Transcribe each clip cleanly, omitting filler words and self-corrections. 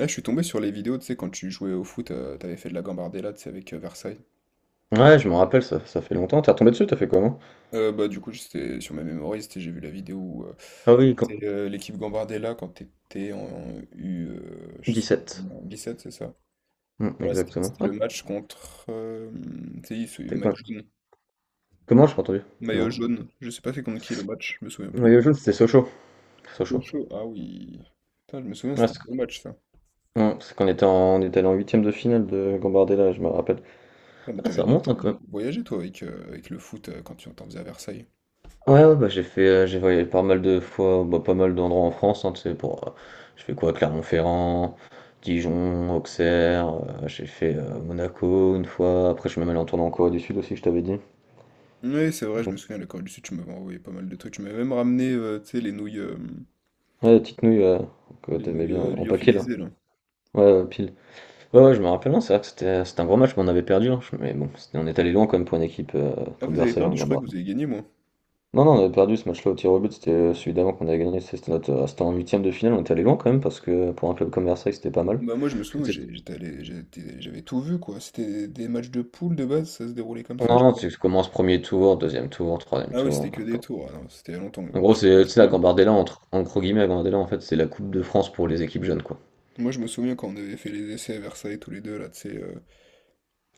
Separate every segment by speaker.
Speaker 1: Là, je suis tombé sur les vidéos, tu sais, quand tu jouais au foot, t'avais fait de la Gambardella, tu sais, avec Versailles.
Speaker 2: Ouais, je m'en rappelle, ça fait longtemps. T'es retombé dessus, t'as fait comment?
Speaker 1: Bah, du coup, j'étais sur ma mémoire, j'ai vu la vidéo où
Speaker 2: Ah oui, quand...
Speaker 1: c'est l'équipe Gambardella quand t'étais en U, je sais pas,
Speaker 2: Sept.
Speaker 1: en 17, c'est ça? Voilà, c'était
Speaker 2: Exactement.
Speaker 1: c'était le match contre, tu sais, ce
Speaker 2: T'es
Speaker 1: maillot
Speaker 2: quoi?
Speaker 1: jaune.
Speaker 2: Comment j'ai pas entendu?
Speaker 1: Maillot
Speaker 2: Dis-moi.
Speaker 1: jaune, je sais pas c'est contre qui le match, je me souviens plus.
Speaker 2: Maillot jaune, c'était Sochaux. Sochaux.
Speaker 1: Chaud, ah oui. Putain, je me souviens,
Speaker 2: Ouais,
Speaker 1: c'était un
Speaker 2: c'est
Speaker 1: beau match, ça.
Speaker 2: ouais, c'est qu'on était allé en huitième de finale de Gambardella, je me rappelle.
Speaker 1: Putain, mais
Speaker 2: Ah, ça
Speaker 1: t'avais
Speaker 2: remonte hein,
Speaker 1: t'avais
Speaker 2: quand même.
Speaker 1: beaucoup voyagé, toi, avec le foot, quand tu t'en faisais à Versailles.
Speaker 2: Ouais, ouais, j'ai voyagé pas mal de fois, bah, pas mal d'endroits en France, hein, tu sais, j'ai fait quoi, Clermont-Ferrand, Dijon, Auxerre, j'ai fait Monaco une fois, après je suis même allé en tournée en Corée du Sud aussi, je t'avais dit.
Speaker 1: Oui, c'est vrai, je me souviens, la Corée du Sud, tu m'avais envoyé pas mal de trucs. Tu m'avais même ramené, tu sais, les nouilles, euh,
Speaker 2: Ouais, la petite nouille, ouais, que
Speaker 1: les
Speaker 2: t'aimais
Speaker 1: nouilles
Speaker 2: bien ouais,
Speaker 1: euh,
Speaker 2: en paquet là.
Speaker 1: lyophilisées, là.
Speaker 2: Ouais, ouais, pile. Ouais, ouais, je me rappelle, non, c'est vrai que c'était un gros match, mais on avait perdu, hein. Mais bon, on est allé loin quand même pour une équipe
Speaker 1: Ah,
Speaker 2: comme
Speaker 1: vous avez
Speaker 2: Versailles en
Speaker 1: perdu, je croyais que
Speaker 2: Gambardie.
Speaker 1: vous avez gagné, moi.
Speaker 2: Non, non, on avait perdu ce match-là au tir au but, c'était celui d'avant qu'on avait gagné. C'était en huitième de finale, on était allé loin quand même, parce que pour un club comme Versailles, c'était pas mal.
Speaker 1: Bah, moi, je me souviens,
Speaker 2: C'était-
Speaker 1: j'étais allé, j'avais tout vu, quoi. C'était des matchs de poule de base, ça se déroulait comme ça, je
Speaker 2: Non,
Speaker 1: crois.
Speaker 2: tu commences premier tour, deuxième tour, troisième
Speaker 1: Ah oui, c'était
Speaker 2: tour,
Speaker 1: que
Speaker 2: hein,
Speaker 1: des tours, ah non, c'était il y a longtemps, je
Speaker 2: en
Speaker 1: me
Speaker 2: gros,
Speaker 1: souviens plus
Speaker 2: c'est tu
Speaker 1: très
Speaker 2: sais, la
Speaker 1: bien.
Speaker 2: Gambardella, entre, en gros guillemets, la Gambardella, en fait, c'est la Coupe de France pour les équipes jeunes, quoi.
Speaker 1: Moi, je me souviens quand on avait fait les essais à Versailles, tous les deux, là, tu sais,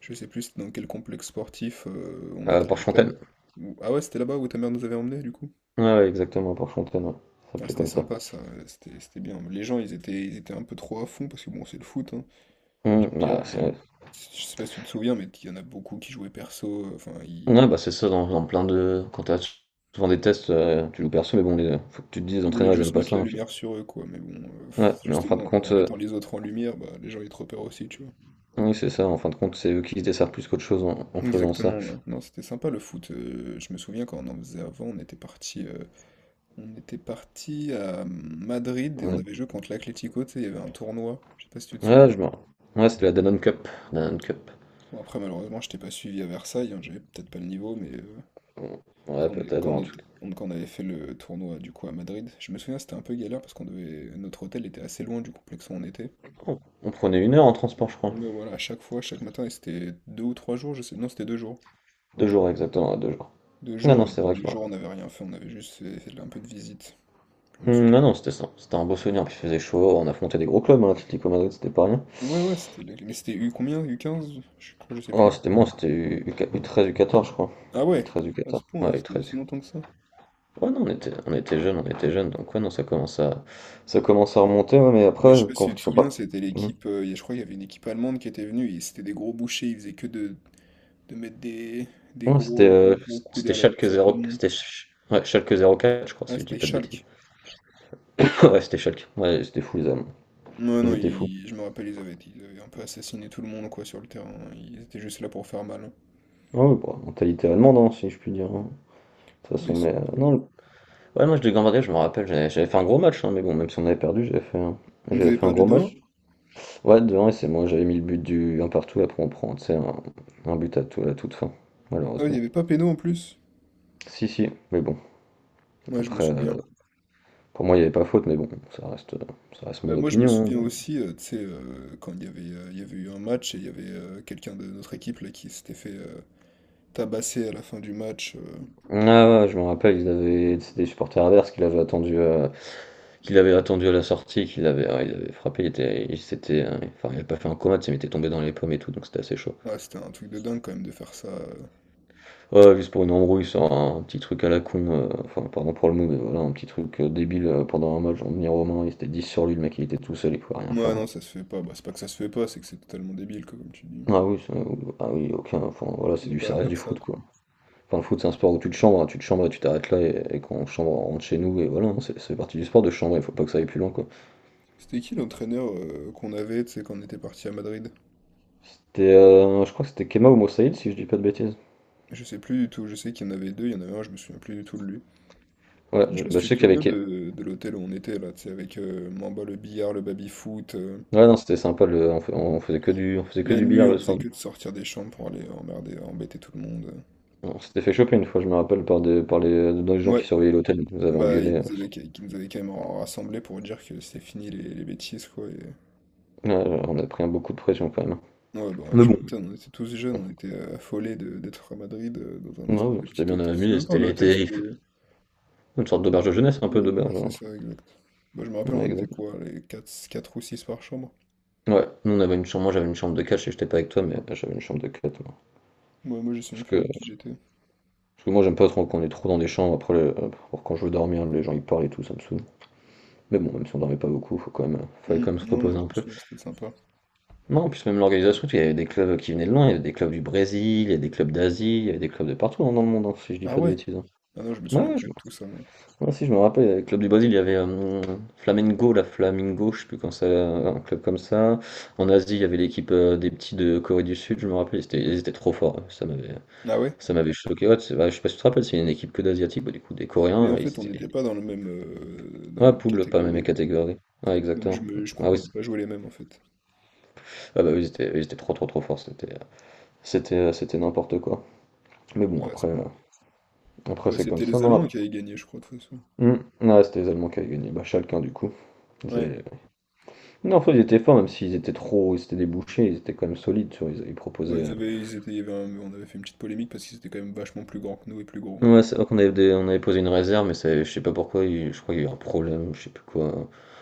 Speaker 1: je sais plus c'était dans quel complexe sportif, on était avec ta mère.
Speaker 2: Porte-Fontaine.
Speaker 1: Ah ouais, c'était là-bas où ta mère nous avait emmenés, du coup?
Speaker 2: Ouais, ouais, exactement, Porte-Fontaine, ouais. Ça
Speaker 1: Ah,
Speaker 2: s'appelait
Speaker 1: c'était
Speaker 2: comme ça.
Speaker 1: sympa ça, c'était bien. Les gens, ils étaient un peu trop à fond parce que bon, c'est le foot, hein.
Speaker 2: Hmm,
Speaker 1: Tu me diras,
Speaker 2: bah,
Speaker 1: mais
Speaker 2: c'est-
Speaker 1: je sais pas si tu te souviens, mais il y en a beaucoup qui jouaient perso. Enfin, ils,
Speaker 2: Ouais, bah, c'est ça dans plein de quand tu as souvent des tests, tu loues personne, mais bon, les faut que tu te dises les
Speaker 1: ils voulaient
Speaker 2: entraîneurs ils
Speaker 1: juste
Speaker 2: aiment pas
Speaker 1: mettre
Speaker 2: ça,
Speaker 1: la
Speaker 2: hein, puis
Speaker 1: lumière sur eux, quoi. Mais bon,
Speaker 2: ouais, mais en fin
Speaker 1: justement,
Speaker 2: de compte,
Speaker 1: en mettant les autres en lumière, bah, les gens ils te repèrent aussi, tu vois.
Speaker 2: oui, c'est ça, en fin de compte, c'est eux qui se desservent plus qu'autre chose en faisant ça.
Speaker 1: Exactement, ouais. Non, c'était sympa le foot. Je me souviens quand on en faisait avant, on était parti à Madrid et on
Speaker 2: Ouais,
Speaker 1: avait joué contre l'Atlético, tu sais, il y avait un tournoi. Je sais pas si tu te souviens.
Speaker 2: ouais, je me Ouais, c'était la Danone Cup, Danone Cup.
Speaker 1: Bon, après, malheureusement, je t'ai pas suivi à Versailles, hein, j'avais peut-être pas le niveau, mais
Speaker 2: Mmh, ouais,
Speaker 1: Quand on, est-
Speaker 2: peut-être, ouais,
Speaker 1: quand on
Speaker 2: en
Speaker 1: est-
Speaker 2: tout cas,
Speaker 1: quand on avait fait le tournoi du coup à Madrid, je me souviens c'était un peu galère parce qu'on devait notre hôtel était assez loin du complexe où on était.
Speaker 2: on prenait 1 heure en transport, je crois.
Speaker 1: Mais voilà, à chaque fois, chaque matin, et c'était 2 ou 3 jours, je sais. Non, c'était 2 jours.
Speaker 2: Deux jours, exactement, ouais, 2 jours.
Speaker 1: Deux
Speaker 2: Non,
Speaker 1: jours,
Speaker 2: non,
Speaker 1: et le
Speaker 2: c'est vrai que
Speaker 1: premier
Speaker 2: je me ra
Speaker 1: jour on n'avait rien fait, on avait juste fait un peu de visite. Je me
Speaker 2: Mmh, non,
Speaker 1: souviens.
Speaker 2: non, c'était ça, c'était un beau souvenir, puis il faisait chaud, on affrontait des gros clubs, hein, l'Atlético Madrid, c'était pas rien.
Speaker 1: Ouais, ouais, c'était. Mais c'était U combien? U15, je crois, je sais plus. Je crois.
Speaker 2: C'était U treize qua U13, je crois.
Speaker 1: Ah
Speaker 2: U
Speaker 1: ouais,
Speaker 2: treize u
Speaker 1: à ce
Speaker 2: quatorze
Speaker 1: point, ouais,
Speaker 2: ouais, u
Speaker 1: c'était
Speaker 2: treize.
Speaker 1: si longtemps que ça.
Speaker 2: Ouais, non, on était jeunes, donc ouais, non, ça commence à remonter, ouais, mais
Speaker 1: Mais je
Speaker 2: après,
Speaker 1: sais pas si tu
Speaker 2: quand
Speaker 1: te
Speaker 2: tu
Speaker 1: souviens,
Speaker 2: repars.
Speaker 1: c'était
Speaker 2: Mm.
Speaker 1: l'équipe, je crois qu'il y avait une équipe allemande qui était venue, et c'était des gros bouchers, ils faisaient que de mettre des, des
Speaker 2: Ouais, c'était
Speaker 1: gros, des gros coups
Speaker 2: c'était
Speaker 1: derrière la
Speaker 2: Schalke
Speaker 1: cuisse à tout
Speaker 2: zéro
Speaker 1: le monde.
Speaker 2: c'était Sch- Ouais, Schalke 04 je crois,
Speaker 1: Ah,
Speaker 2: si je dis
Speaker 1: c'était
Speaker 2: pas de bêtises.
Speaker 1: Schalke.
Speaker 2: Ouais, c'était Schalke, ouais, c'était fou, les Allemands.
Speaker 1: Non,
Speaker 2: Ils
Speaker 1: non,
Speaker 2: étaient fous.
Speaker 1: je me rappelle, ils avaient un peu assassiné tout le monde, quoi, sur le terrain. Ils étaient juste là pour faire mal, hein.
Speaker 2: Ouais, bon, mentalité allemande, hein, si je puis dire, hein. De toute
Speaker 1: Ouais,
Speaker 2: façon,
Speaker 1: ils
Speaker 2: mais
Speaker 1: sont un
Speaker 2: non,
Speaker 1: peu...
Speaker 2: le- ouais, moi, je de Gambardella, je me rappelle, j'avais fait un gros match, hein, mais bon, même si on avait perdu,
Speaker 1: Vous
Speaker 2: j'avais
Speaker 1: avez
Speaker 2: fait un
Speaker 1: perdu
Speaker 2: gros
Speaker 1: deux
Speaker 2: match.
Speaker 1: 1
Speaker 2: Ouais, devant, et c'est moi, j'avais mis le but du un partout, après on prend, tu sais, un but à, tout, à toute fin,
Speaker 1: Ah, il n'y
Speaker 2: malheureusement.
Speaker 1: avait pas péno en plus.
Speaker 2: Si, si, mais bon.
Speaker 1: Moi, je me
Speaker 2: Après,
Speaker 1: souviens.
Speaker 2: euh, pour moi, il n'y avait pas faute, mais bon, ça reste, ça reste
Speaker 1: Bah,
Speaker 2: mon
Speaker 1: moi, je me
Speaker 2: opinion.
Speaker 1: souviens aussi, tu sais, quand il y avait eu un match et il y avait quelqu'un de notre équipe là, qui s'était fait tabasser à la fin du match.
Speaker 2: Ah ouais, je me rappelle, c'est des supporters adverses qui l'avaient attendu, qui l'avaient attendu à la sortie, ils l'avaient frappé, il s'était, enfin, il n'avait pas fait un coma, tu sais, mais il était tombé dans les pommes et tout, donc c'était assez chaud.
Speaker 1: Ah, c'était un truc de dingue quand même de faire ça.
Speaker 2: Ouais, juste pour une embrouille sur un petit truc à la con, enfin, pardon pour le mot, mais voilà, un petit truc débile pendant un match, on venir au il était 10 sur lui, le mec, il était tout seul, il pouvait rien
Speaker 1: Ouais,
Speaker 2: faire.
Speaker 1: non, ça se fait pas. Bah, c'est pas que ça se fait pas, c'est que c'est totalement débile, quoi, comme tu dis.
Speaker 2: Ah oui, c'est- ah oui, aucun, enfin, voilà,
Speaker 1: Il
Speaker 2: c'est
Speaker 1: n'y a
Speaker 2: du,
Speaker 1: pas à
Speaker 2: ça reste du
Speaker 1: faire ça,
Speaker 2: foot,
Speaker 1: quoi.
Speaker 2: quoi. Enfin, le foot, c'est un sport où tu te chambres, hein, tu te chambres et tu t'arrêtes là, et quand on chambre, on rentre chez nous, et voilà, hein, c'est partie du sport de chambre, il faut pas que ça aille plus loin, quoi.
Speaker 1: C'était qui l'entraîneur qu'on avait, tu sais, quand on était parti à Madrid?
Speaker 2: Je crois que c'était Kema ou Moussaïd, si je dis pas de bêtises.
Speaker 1: Je sais plus du tout, je sais qu'il y en avait deux, il y en avait un, je me souviens plus du tout de lui. Je sais pas si
Speaker 2: Je
Speaker 1: tu te
Speaker 2: sais qu'il y avait
Speaker 1: souviens de l'hôtel où on était, là, tu sais, avec Mamba le billard, le baby-foot.
Speaker 2: Ouais, non, c'était sympa, on faisait que du, on faisait que
Speaker 1: La
Speaker 2: du
Speaker 1: nuit,
Speaker 2: billard
Speaker 1: on
Speaker 2: le
Speaker 1: faisait
Speaker 2: soir.
Speaker 1: que de sortir des chambres pour aller emmerder, embêter tout le monde.
Speaker 2: On s'était fait choper une fois, je me rappelle, par, des, par les, dans les gens qui
Speaker 1: Ouais,
Speaker 2: surveillaient l'hôtel, ils nous avaient
Speaker 1: bah, ils
Speaker 2: engueulé,
Speaker 1: nous avaient, qui nous avaient quand même rassemblés pour dire que c'était fini les bêtises, quoi.
Speaker 2: ouais, on a pris un beaucoup de pression quand même.
Speaker 1: Ouais, bah,
Speaker 2: Mais
Speaker 1: tu
Speaker 2: bon,
Speaker 1: m'étonnes, on était tous jeunes,
Speaker 2: ouais,
Speaker 1: on était affolés d'être à Madrid, dans un
Speaker 2: ouais,
Speaker 1: espèce
Speaker 2: on
Speaker 1: de petit
Speaker 2: s'était bien
Speaker 1: hôtel. C'était
Speaker 2: amusé,
Speaker 1: même pas
Speaker 2: c'était
Speaker 1: un hôtel,
Speaker 2: l'été,
Speaker 1: c'était...
Speaker 2: une sorte d'auberge de jeunesse, un peu
Speaker 1: Ouais, voilà,
Speaker 2: d'auberge, hein,
Speaker 1: c'est
Speaker 2: un truc.
Speaker 1: ça, exact. Bah, je me rappelle, on était
Speaker 2: Ouais,
Speaker 1: quoi, les quatre ou 6 par chambre?
Speaker 2: ouais, nous on avait une chambre, moi j'avais une chambre de 4, je sais que j'étais pas avec toi, mais j'avais une chambre de 4 ouais.
Speaker 1: Moi, moi, je sais même
Speaker 2: Parce
Speaker 1: plus
Speaker 2: que,
Speaker 1: avec qui j'étais.
Speaker 2: Parce que moi j'aime pas trop qu'on est trop dans des chambres, après pour quand je veux dormir, les gens ils parlent et tout, ça me saoule. Mais bon, même si on dormait pas beaucoup, faut quand même, fallait
Speaker 1: Hmm,
Speaker 2: quand même se
Speaker 1: Non, moi,
Speaker 2: reposer
Speaker 1: je
Speaker 2: un
Speaker 1: me
Speaker 2: peu.
Speaker 1: souviens, c'était sympa.
Speaker 2: Non, en plus même l'organisation, tu sais, il y avait des clubs qui venaient de loin, il y avait des clubs du Brésil, il y avait des clubs d'Asie, il y avait des clubs de partout hein, dans le monde, hein, si je dis
Speaker 1: Ah
Speaker 2: pas de
Speaker 1: ouais?
Speaker 2: bêtises, hein.
Speaker 1: Ah non, je me
Speaker 2: Ouais,
Speaker 1: souviens
Speaker 2: ouais,
Speaker 1: plus
Speaker 2: je,
Speaker 1: de tout ça, moi.
Speaker 2: Ah, si, je me rappelle, avec le Club du Brésil, il y avait Flamengo, la Flamingo, je sais plus quand ça, un club comme ça. En Asie, il y avait l'équipe des petits de Corée du Sud, je me rappelle, ils étaient trop forts.
Speaker 1: Ah ouais?
Speaker 2: Ça m'avait choqué. Ouais, c'est vrai, je sais pas si tu te rappelles, c'est une équipe que d'Asiatiques, bah, du coup, des
Speaker 1: Mais
Speaker 2: Coréens,
Speaker 1: en
Speaker 2: ils
Speaker 1: fait, on
Speaker 2: étaient.
Speaker 1: n'était pas dans la
Speaker 2: Ouais,
Speaker 1: même
Speaker 2: poule, pas la même
Speaker 1: catégorie.
Speaker 2: catégorie. Ouais,
Speaker 1: Donc,
Speaker 2: exactement.
Speaker 1: je crois
Speaker 2: Ah oui,
Speaker 1: qu'on n'a
Speaker 2: c'est-
Speaker 1: pas joué les mêmes, en fait.
Speaker 2: ah, bah, oui, ils étaient trop, trop, trop forts, c'était n'importe quoi. Mais bon,
Speaker 1: Ah, c'est bon.
Speaker 2: après
Speaker 1: Ouais,
Speaker 2: c'est comme
Speaker 1: c'était
Speaker 2: ça,
Speaker 1: les
Speaker 2: non?
Speaker 1: Allemands qui avaient gagné, je crois, de toute façon.
Speaker 2: Hmm, ouais, c'était les Allemands qui avaient gagné, bah, chacun du coup. Ils
Speaker 1: Ouais.
Speaker 2: avaient- Non, en fait, ils étaient forts, même s'ils étaient trop, c'était des bouchers, ils étaient quand même solides, tu vois, ils
Speaker 1: Ouais,
Speaker 2: proposaient,
Speaker 1: ils
Speaker 2: euh.
Speaker 1: avaient, ils étaient, il y avait un- on avait fait une petite polémique parce qu'ils étaient quand même vachement plus grands que nous et plus gros.
Speaker 2: Ouais, c'est vrai qu'on avait, des- on avait posé une réserve, mais ça, je sais pas pourquoi, je crois qu'il y a eu un problème, je sais plus quoi.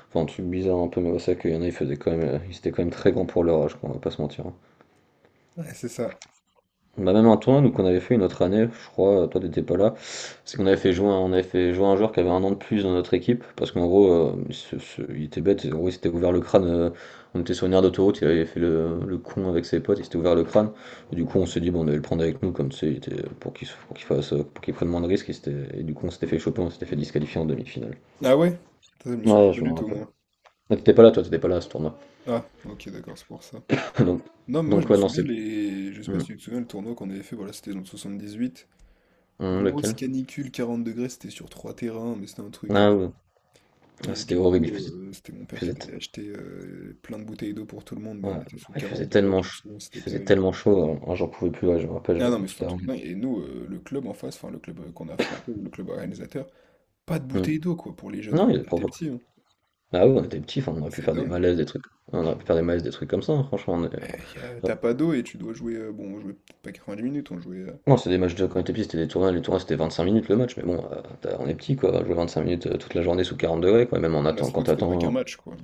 Speaker 2: Enfin, un truc bizarre un peu, mais ouais, c'est vrai qu'il y en a, ils faisaient quand même, ils étaient quand même très grands pour leur âge, quoi, on va pas se mentir, hein.
Speaker 1: Ouais, c'est ça.
Speaker 2: On a même un tournoi nous qu'on avait fait une autre année, je crois, toi t'étais pas là, parce qu'on avait fait jouer un joueur qui avait 1 an de plus dans notre équipe, parce qu'en gros, il était bête, en gros, il s'était ouvert le crâne, on était sur une aire d'autoroute, il avait fait le con avec ses potes, il s'était ouvert le crâne, et du coup on s'est dit, bon, on allait le prendre avec nous, comme tu sais, il était, pour qu'il fasse, pour qu'il prenne moins de risques, et du coup on s'était fait choper, on s'était fait disqualifier en demi-finale.
Speaker 1: Ah ouais? Ça, je me souviens
Speaker 2: Ouais,
Speaker 1: pas
Speaker 2: je
Speaker 1: du
Speaker 2: me
Speaker 1: tout,
Speaker 2: rappelle.
Speaker 1: moi.
Speaker 2: Ah, t'étais pas là, toi, t'étais pas là à ce tournoi.
Speaker 1: Ah, ok, d'accord, c'est pour ça.
Speaker 2: Donc,
Speaker 1: Non, mais moi je
Speaker 2: donc
Speaker 1: me
Speaker 2: ouais, non,
Speaker 1: souviens,
Speaker 2: c'est...
Speaker 1: je sais pas
Speaker 2: Hum,
Speaker 1: si tu te souviens le tournoi qu'on avait fait, voilà, c'était dans le 78. Grosse
Speaker 2: Lequel?
Speaker 1: canicule, 40 degrés, c'était sur trois terrains, mais c'était un truc.
Speaker 2: Ah ouais, ah,
Speaker 1: Et
Speaker 2: c'était
Speaker 1: du
Speaker 2: horrible,
Speaker 1: coup, c'était mon
Speaker 2: il
Speaker 1: père qui
Speaker 2: faisait
Speaker 1: était allé acheter plein de bouteilles d'eau pour tout le monde, mais
Speaker 2: Ouais,
Speaker 1: on était sous
Speaker 2: il
Speaker 1: 40
Speaker 2: faisait
Speaker 1: degrés,
Speaker 2: tellement
Speaker 1: je me
Speaker 2: chaud,
Speaker 1: souviens,
Speaker 2: il
Speaker 1: c'était
Speaker 2: faisait
Speaker 1: terrible.
Speaker 2: tellement chaud, hein, j'en pouvais plus, ouais, je me rappelle,
Speaker 1: Ah non, mais
Speaker 2: genre,
Speaker 1: c'était un truc dingue. Et nous, le club en face, enfin le club qu'on a affronté, ou le club organisateur, pas de
Speaker 2: Hmm.
Speaker 1: bouteilles d'eau quoi pour les jeunes
Speaker 2: Non,
Speaker 1: alors
Speaker 2: il est
Speaker 1: qu'on était
Speaker 2: propre.
Speaker 1: petits, hein.
Speaker 2: Bah oui, on était petits, enfin, on aurait pu
Speaker 1: C'est
Speaker 2: faire des
Speaker 1: dingue.
Speaker 2: malaises, des trucs. On aurait pu faire des malaises, des trucs comme ça, hein, franchement. Ouais.
Speaker 1: T'as pas d'eau et tu dois jouer, bon, on jouait peut-être pas 90 minutes, on jouait.
Speaker 2: Non, c'est des matchs de quand on était petit, c'était des tournois, les tournois c'était 25 minutes le match, mais bon, on est petit quoi, jouer 25 minutes toute la journée sous 40 degrés, quoi, et même en
Speaker 1: Bah,
Speaker 2: attendant, quand
Speaker 1: surtout que c'était pas
Speaker 2: t'attends,
Speaker 1: qu'un
Speaker 2: hein.
Speaker 1: match quoi.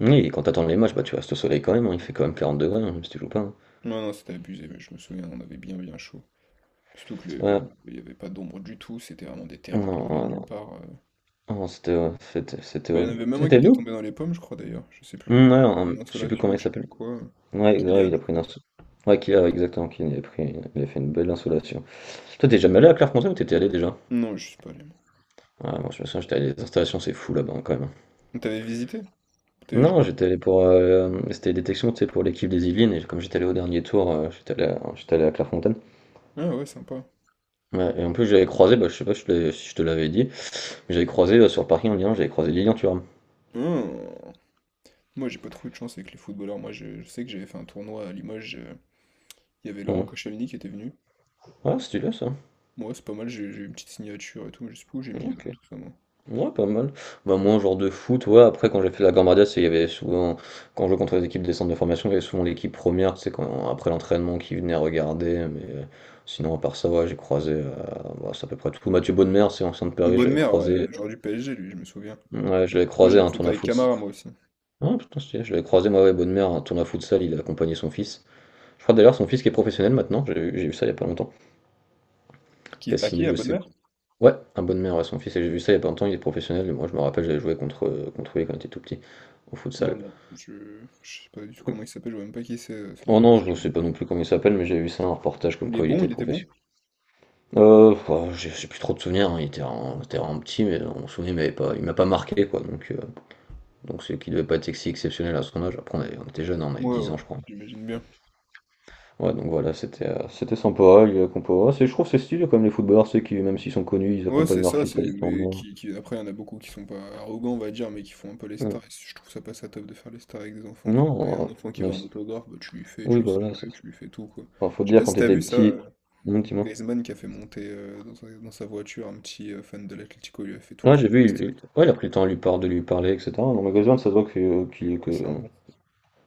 Speaker 2: Oui, et quand t'attends les matchs, bah tu restes au soleil quand même, hein, il fait quand même 40 degrés, hein, même si tu joues pas, hein.
Speaker 1: Non, non, c'était abusé, mais je me souviens, on avait bien bien chaud. Surtout que
Speaker 2: Ouais,
Speaker 1: il n'y avait pas d'ombre du tout, c'était vraiment des terrains en
Speaker 2: non,
Speaker 1: milieu de
Speaker 2: non,
Speaker 1: nulle
Speaker 2: non,
Speaker 1: part.
Speaker 2: non, c'était
Speaker 1: Bah, il y en
Speaker 2: horrible.
Speaker 1: avait même un qui
Speaker 2: C'était
Speaker 1: était
Speaker 2: venu?
Speaker 1: tombé dans les pommes, je crois d'ailleurs, je sais plus. Il avait fait une
Speaker 2: Je sais plus
Speaker 1: insolation,
Speaker 2: comment
Speaker 1: ou
Speaker 2: il
Speaker 1: je sais plus
Speaker 2: s'appelle.
Speaker 1: quoi.
Speaker 2: Ouais, ouais,
Speaker 1: Kylian,
Speaker 2: il a
Speaker 1: je
Speaker 2: pris une
Speaker 1: crois.
Speaker 2: insolation. Ouais, qu'il a, exactement, qu'il a pris une- il a fait une belle insolation. Toi, t'es jamais allé à Clairefontaine ou t'étais allé déjà?
Speaker 1: Non, je suis pas allé, moi.
Speaker 2: Ah, moi, je me souviens, j'étais allé à des installations, c'est fou là-bas quand même.
Speaker 1: T'avais visité? T'avais
Speaker 2: Non,
Speaker 1: joué?
Speaker 2: j'étais allé pour. C'était détection, tu sais, pour l'équipe des Yvelines, et comme j'étais allé au dernier tour, j'étais allé à Clairefontaine.
Speaker 1: Ah ouais, sympa.
Speaker 2: Ouais, et en plus, j'avais croisé, bah, je sais pas si je te l'avais dit, mais j'avais croisé sur le parking en Lyon, j'avais croisé Lilian Thuram.
Speaker 1: Ah. Moi, j'ai pas trop eu de chance avec les footballeurs. Moi, je sais que j'avais fait un tournoi à Limoges. Il y avait Laurent
Speaker 2: Hum.
Speaker 1: Koscielny qui était venu.
Speaker 2: Ah, c'est stylé ça.
Speaker 1: Moi, c'est pas mal, j'ai eu une petite signature et tout, mais je sais plus où j'ai mis
Speaker 2: Ok.
Speaker 1: tout ça, moi.
Speaker 2: Ouais, pas mal. Bah, moi, un genre de foot, ouais, après, quand j'ai fait la Gambardia, c'est, il y avait souvent, quand je jouais contre les équipes des centres de formation, il y avait souvent l'équipe première, c'est quand, après l'entraînement, qui venait regarder, sinon, à part ça, ouais, j'ai croisé, bah, c'est à peu près tout. Mathieu Bonnemer, c'est ancien de
Speaker 1: Une
Speaker 2: Paris, je
Speaker 1: bonne
Speaker 2: l'avais
Speaker 1: mère, ouais,
Speaker 2: croisé,
Speaker 1: genre du PSG, lui, je me souviens.
Speaker 2: ouais, je l'avais
Speaker 1: Moi, j'ai
Speaker 2: croisé à
Speaker 1: une
Speaker 2: un
Speaker 1: photo
Speaker 2: tournoi
Speaker 1: avec
Speaker 2: foot.
Speaker 1: Camara, moi aussi.
Speaker 2: Ah, putain, stylé, je l'avais croisé, moi, ouais, Bonnemer, à un tournoi futsal, il a accompagné son fils. Je crois d'ailleurs, son fils qui est professionnel maintenant, j'ai vu ça il y a pas longtemps.
Speaker 1: Qui?
Speaker 2: Cassini,
Speaker 1: À
Speaker 2: je
Speaker 1: Bonne
Speaker 2: sais
Speaker 1: Mère?
Speaker 2: pas. Ouais, un Bonnemer, ouais, son fils, et j'ai vu ça il y a pas longtemps, il est professionnel, et moi, je me rappelle, contre lui quand il était tout petit, au
Speaker 1: Non,
Speaker 2: futsal.
Speaker 1: non, je sais pas du tout comment il s'appelle, je vois même pas qui c'est, son
Speaker 2: Oh
Speaker 1: fils.
Speaker 2: non, je sais pas non plus comment il s'appelle, mais j'ai vu ça un reportage comme
Speaker 1: Il est
Speaker 2: quoi il
Speaker 1: bon,
Speaker 2: était
Speaker 1: il était bon?
Speaker 2: professionnel. Oh, j'ai plus trop de souvenirs, hein. Était vraiment petit, mais on se souvient, il m'a pas marqué quoi. Donc c'est qu'il devait pas être si exceptionnel à son âge. Après, on était jeune, on avait
Speaker 1: Ouais,
Speaker 2: 10 ans,
Speaker 1: ouais,
Speaker 2: je crois.
Speaker 1: j'imagine bien.
Speaker 2: Ouais, donc voilà, c'était sympa. Il y a Compora. C'est, je trouve que c'est stylé comme les footballeurs, c'est qui, même s'ils sont connus, ils
Speaker 1: Ouais, c'est
Speaker 2: accompagnent leur
Speaker 1: ça,
Speaker 2: fils
Speaker 1: c'est...
Speaker 2: à des
Speaker 1: Mais
Speaker 2: tournois.
Speaker 1: qui- après, il y en a beaucoup qui sont pas arrogants, on va dire, mais qui font un peu les
Speaker 2: Mm.
Speaker 1: stars. Et je trouve ça pas ça top de faire les stars avec des enfants, quoi. Et
Speaker 2: Non,
Speaker 1: un
Speaker 2: euh,
Speaker 1: enfant qui veut
Speaker 2: Même
Speaker 1: un
Speaker 2: si.
Speaker 1: autographe, bah, tu lui fais, tu
Speaker 2: Oui,
Speaker 1: lui
Speaker 2: bah
Speaker 1: signes
Speaker 2: voilà, ça.
Speaker 1: tu lui fais tout, quoi.
Speaker 2: Enfin, faut te
Speaker 1: Je sais
Speaker 2: dire,
Speaker 1: pas
Speaker 2: quand
Speaker 1: si t'as
Speaker 2: t'étais
Speaker 1: vu ça,
Speaker 2: petit. Non, dis-moi.
Speaker 1: Griezmann qui a fait monter dans sa voiture un petit fan de l'Atlético, il lui a fait tout le
Speaker 2: Ouais,
Speaker 1: tour
Speaker 2: j'ai
Speaker 1: des
Speaker 2: vu,
Speaker 1: vestiaires et tout.
Speaker 2: ouais, il a pris le temps de lui, par- de lui parler, etc. Dans le magasin ça se voit que,
Speaker 1: Ouais,
Speaker 2: que,
Speaker 1: c'est un bon.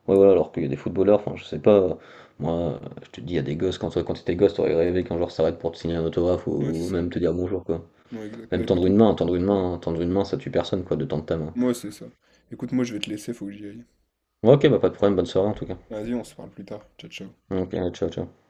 Speaker 2: ouais, voilà, alors qu'il y a des footballeurs, enfin, je sais pas, je te dis, il y a des gosses, quand, toi, quand t'étais gosse, t'aurais rêvé qu'un joueur s'arrête pour te signer un autographe
Speaker 1: Ouais, c'est
Speaker 2: ou
Speaker 1: ça.
Speaker 2: même te dire bonjour, quoi.
Speaker 1: Ouais, exact. Bah
Speaker 2: Même
Speaker 1: écoute...
Speaker 2: tendre une main, hein, tendre une
Speaker 1: Ouais,
Speaker 2: main, hein, tendre une main, ça tue personne, quoi, de tendre ta main.
Speaker 1: Moi, c'est ça. Écoute, moi, je vais te laisser, faut que j'y aille.
Speaker 2: Ouais, ok, bah, pas de problème, bonne soirée, en tout cas.
Speaker 1: Vas-y, on se parle plus tard. Ciao, ciao.
Speaker 2: Ok, allez, ciao, ciao.